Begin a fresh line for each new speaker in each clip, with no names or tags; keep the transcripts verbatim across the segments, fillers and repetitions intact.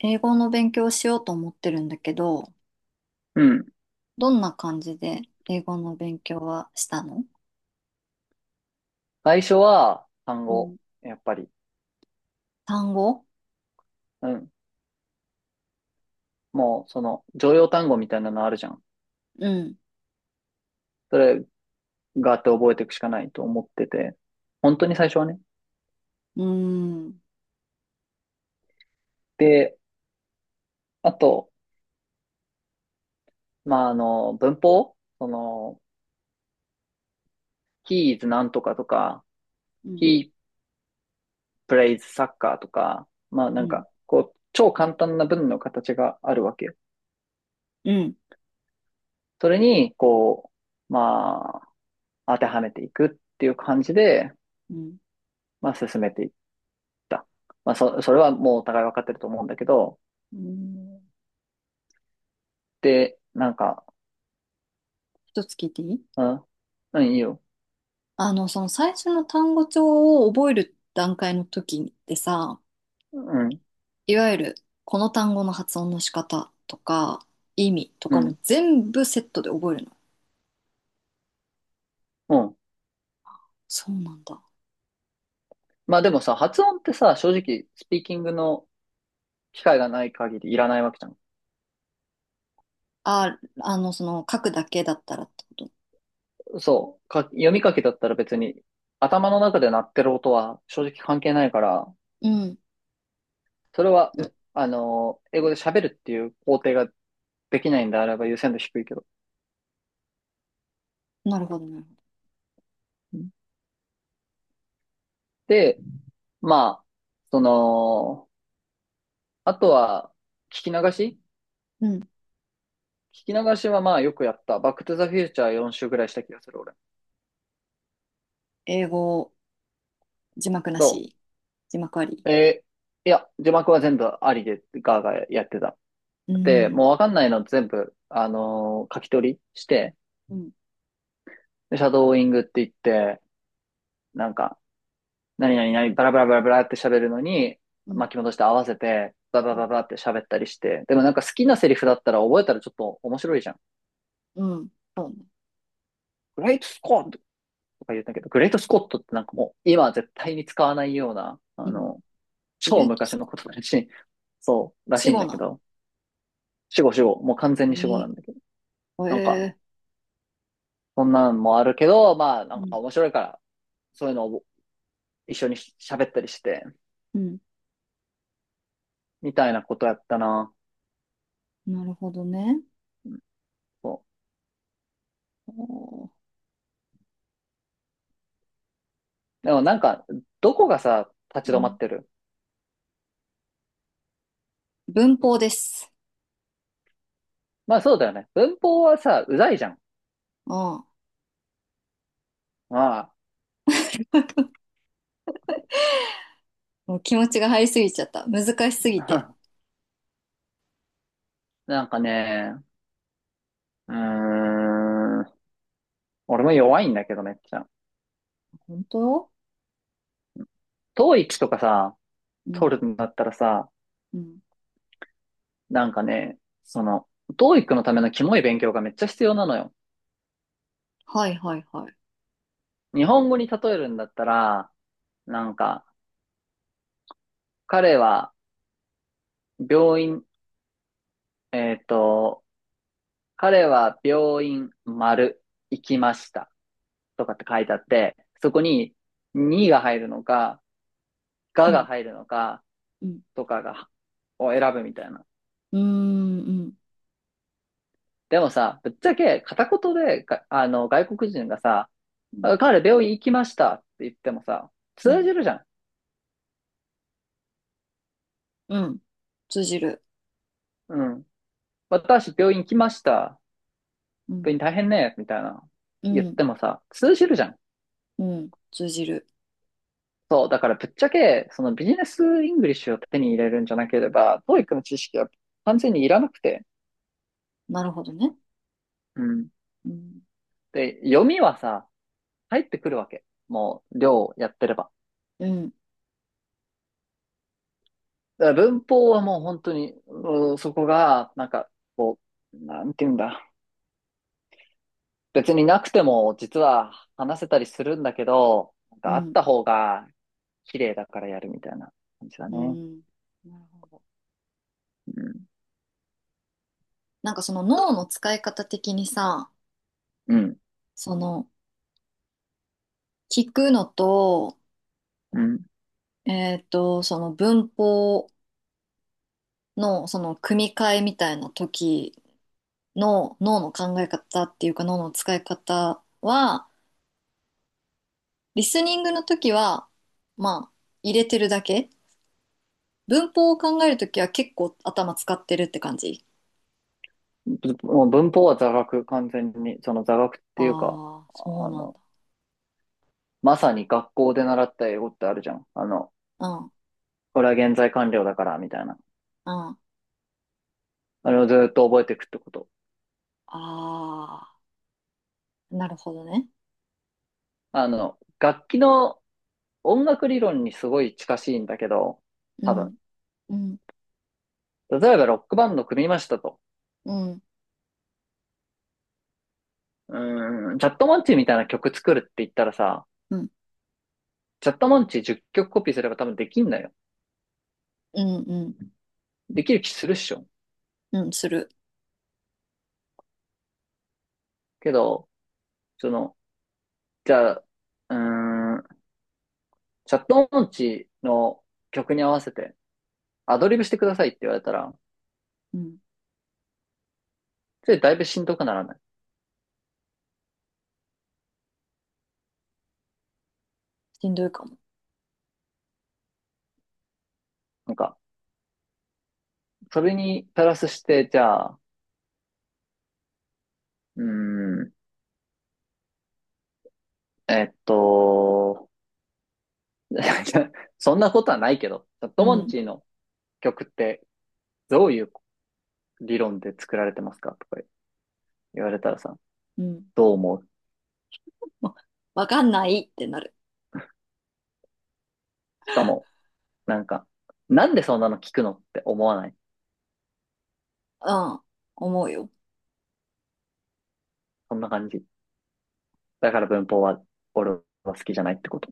英語の勉強をしようと思ってるんだけど、
うん。
どんな感じで英語の勉強はしたの？
最初は単
うん。
語。やっぱり。
単語。
うん。もう、その、常用単語みたいなのあるじゃん。
うん。
それ、があって覚えていくしかないと思ってて。本当に最初はね。
うーん。
で、あと、まあ、あの、文法その、he is なんとかとか、
うん。
he plays soccer とか、まあ、
う
なん
ん。
か、こう、超簡単な文の形があるわけよ。
うん。
それに、こう、まあ、当てはめていくっていう感じで、
うん。
まあ、進めていく。た。まあ、そ、それはもうお互い分かってると思うんだけど、
うん。
で、なんか、
一つ聞いていい？
うん、うん、いいよ。
あの、その最初の単語帳を覚える段階の時ってさ、
うん、
いわゆるこの単語の発音の仕方とか意味と
う
かも
ん、
全部セットで覚えるの？
うん。
そうなんだ。
まあでもさ、発音ってさ、正直、スピーキングの機会がない限りいらないわけじゃん。
あ、あの、その書くだけだったらってこと？
そう、か、読み書きだったら別に、頭の中で鳴ってる音は正直関係ないから、
うん。
それは、あの英語で喋るっていう工程ができないんであれば優先度低いけど。
なるほどね。
で、まあ、その、あとは、聞き流し
うん。
聞き流しはまあよくやった。バックトゥザフューチャーよんしゅう週ぐらいした気がする、俺。
英語、字幕な
そ
し？字幕あり？
う。えーいや、字幕は全部ありで、ガーガーやってた。
う
で、
ん。
もうわかんないの全部、あのー書き取りして、
うん。
でシャドーイングって言って、なんか、何々何、バラバラバラバラって喋るのに、
うん。
巻き戻して合わせて、バ
う
バ
ん。
ババって喋ったりして、でもなんか好きなセリフだったら覚えたらちょっと面白いじゃん。
うん。そうね。
グレートスコットとか言ったけど、グレートスコットってなんかもう今は絶対に使わないような、あ
うん。
の、
グレ
超
ート
昔
ス
の
コッ
こと
ト。
だし、そう、らし
死
いん
語
だ
な
け
の？
ど。死後死後。もう完全に死後な
え
んだけど。
え。
なんか、
ええ。
そんなんもあるけど、まあ、な
う
んか
ん。
面白いから、そういうのを一緒に喋ったりして、
うん。
みたいなことやったな。
なるほどね。
うんそ
おー。
う。でもなんか、どこがさ、
う
立ち止まっ
ん。
てる。
文法です。
まあそうだよね。文法はさ、うざいじゃん。
うん。も
ま
う気持ちが入りすぎちゃった。難しすぎて。
あ、なんかね、うーん、俺も弱いんだけどめっちゃ。
本当？
統一とかさ、
うん。
取るんだったらさ、
うん。
なんかね、その、t o e i のためのキモい勉強がめっちゃ必要なのよ。
はいはいはい。
日本語に例えるんだったら、なんか、彼は病院、えっと、彼は病院丸行きましたとかって書いてあって、そこににが入るのか、
う
がが
ん。
入るのか
うん。
とかが、を選ぶみたいな。
うーん。うん。
でもさ、ぶっちゃけ片言でが、あの、外国人がさ、彼病院行きましたって言ってもさ、
う
通
ん。
じるじゃん。
うん。通じる。
うん。私、病院来ました。
うん。
病院大変ね。みたいな。
う
言っ
ん。
てもさ、通じるじゃん。
うん。通じる。
そう。だからぶっちゃけ、そのビジネスイングリッシュを手に入れるんじゃなければ、t o e の知識は完全にいらなくて。
なるほどね。
うん。
うん、
で、読みはさ、入ってくるわけ。もう、量をやってれば。
うん、
だから文法はもう本当に、うんそこが、なんか、こう、なんて言うんだ。別になくても、実は話せたりするんだけど、なん
う
かあっ
ん、
た方が綺麗だからやるみたいな感じだ
う
ね。
ん。なるほど。
うん
なんかその脳の使い方的にさ、
うん。
その聞くのと、
うん。
えっと、その文法のその組み替えみたいな時の脳の考え方っていうか脳の使い方は、リスニングの時は、まあ、入れてるだけ。文法を考える時は結構頭使ってるって感じ？
もう文法は座学、完全に。その座学っていうか、
ああ、そう
あ
なん
の、
だ。
まさに学校で習った英語ってあるじゃん。あの、
うん、
これは現在完了だから、みたいな。
うん。
あれをずっと覚えていくってこと。
ああ。なるほどね。
あの、楽器の音楽理論にすごい近しいんだけど、
う
多
ん、
分。
うん、
例えばロックバンド組みましたと。
うん、
うーん、チャットモンチーみたいな曲作るって言ったらさ、
うん、
チャットモンチーじゅっきょくコピーすれば多分できんだよ。
うん、うん、
できる気するっしょ。
うん、する。
けど、その、じゃあ、うーんチャット音痴の曲に合わせてアドリブしてくださいって言われたら、
うん、
それだいぶしんどくならない。
しんどいかも。
なんか、それにプラスして、じゃあ、うーん、えっと、そんなことはないけど、チャッ
う
トモンチ
ん、
ーの曲ってどういう理論で作られてますかとか言われたらさ、
うん。
どう思う？
わ、わかんないってなる。
しかも、なんか、なんでそんなの聞くのって思わない？
うん、思うよ。
そんな感じ。だから文法は俺は好きじゃないってこと。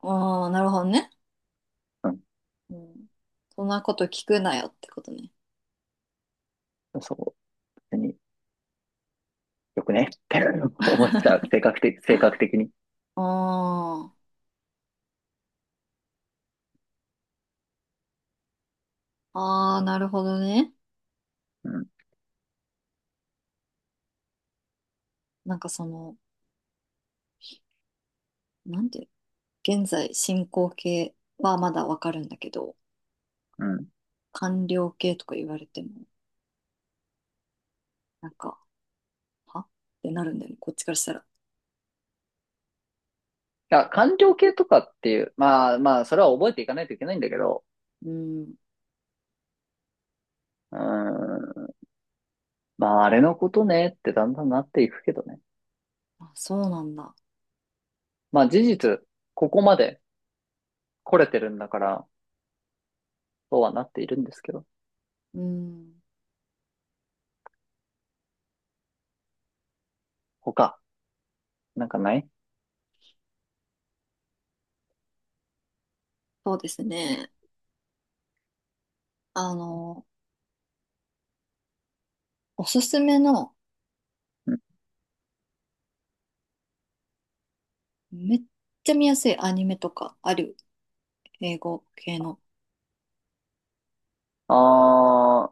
ああ、なるほどね。
うん。
うん。そんなこと聞くなよってことね。
そう。別によくねって 思っちゃう。性格的、性格的に。
ああ、ああ、なるほどね。
うん。
なんかその、なんていうの、現在進行形はまだわかるんだけど、
うん。
完了形とか言われても、なんか、はってなるんだよね、こっちからしたら。
あ、官僚系とかっていう、まあまあ、それは覚えていかないといけないんだけど、
うん。
うーん。まあ、あれのことねってだんだんなっていくけどね。
あ、そうなんだ。
まあ、事実、ここまで来れてるんだから、そうはなっているんですけど。
うん。
他、なんかない？
そうですね。あの、おすすめの、
うん。
めっちゃ見やすいアニメとかある？英語系の。
あ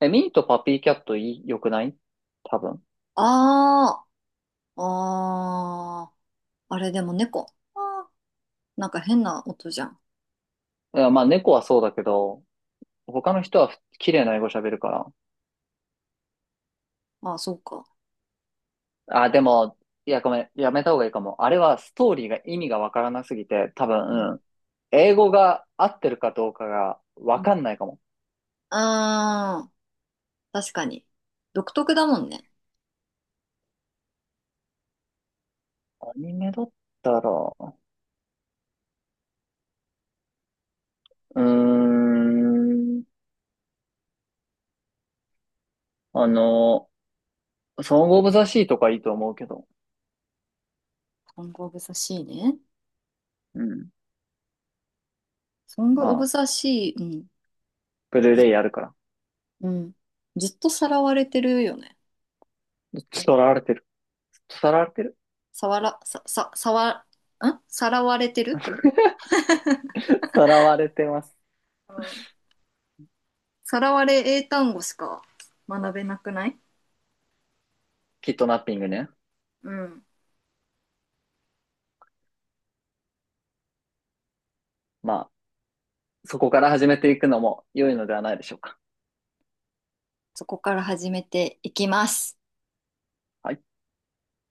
ー、え、ミーとパピーキャットいい、良くない？多分。
ああ、ああ、あれでも猫。あー、なんか変な音じゃん。
いや、まあ、猫はそうだけど、他の人は綺麗な英語喋るから。
ああ、そうか。
あ、でも、いや、ごめん、やめた方がいいかも。あれはストーリーが意味がわからなすぎて、多
うん。
分、うん英語が合ってるかどうかが
う
わ
ん。
かんないかも。
ああ、確かに。独特だもんね。
アニメだったら、うーん、あの、ソングオブザシーとかいいと思うけど、
ソングオブザシーね。
うん、
ソング
ま
オブ
あ、
ザシー、うん。
ブルー
ず、
レイあるから。
うん。ずっとさらわれてるよね。
伝わられてる。伝わられてる
さわら、さ、さ、さわ、んさらわれてる。
伝われてます。
うん。さらわれ英単語しか学べなくない？
キットナッピングね。
うん。
まあ、そこから始めていくのも良いのではないでしょうか。
そこから始めていきます。
はい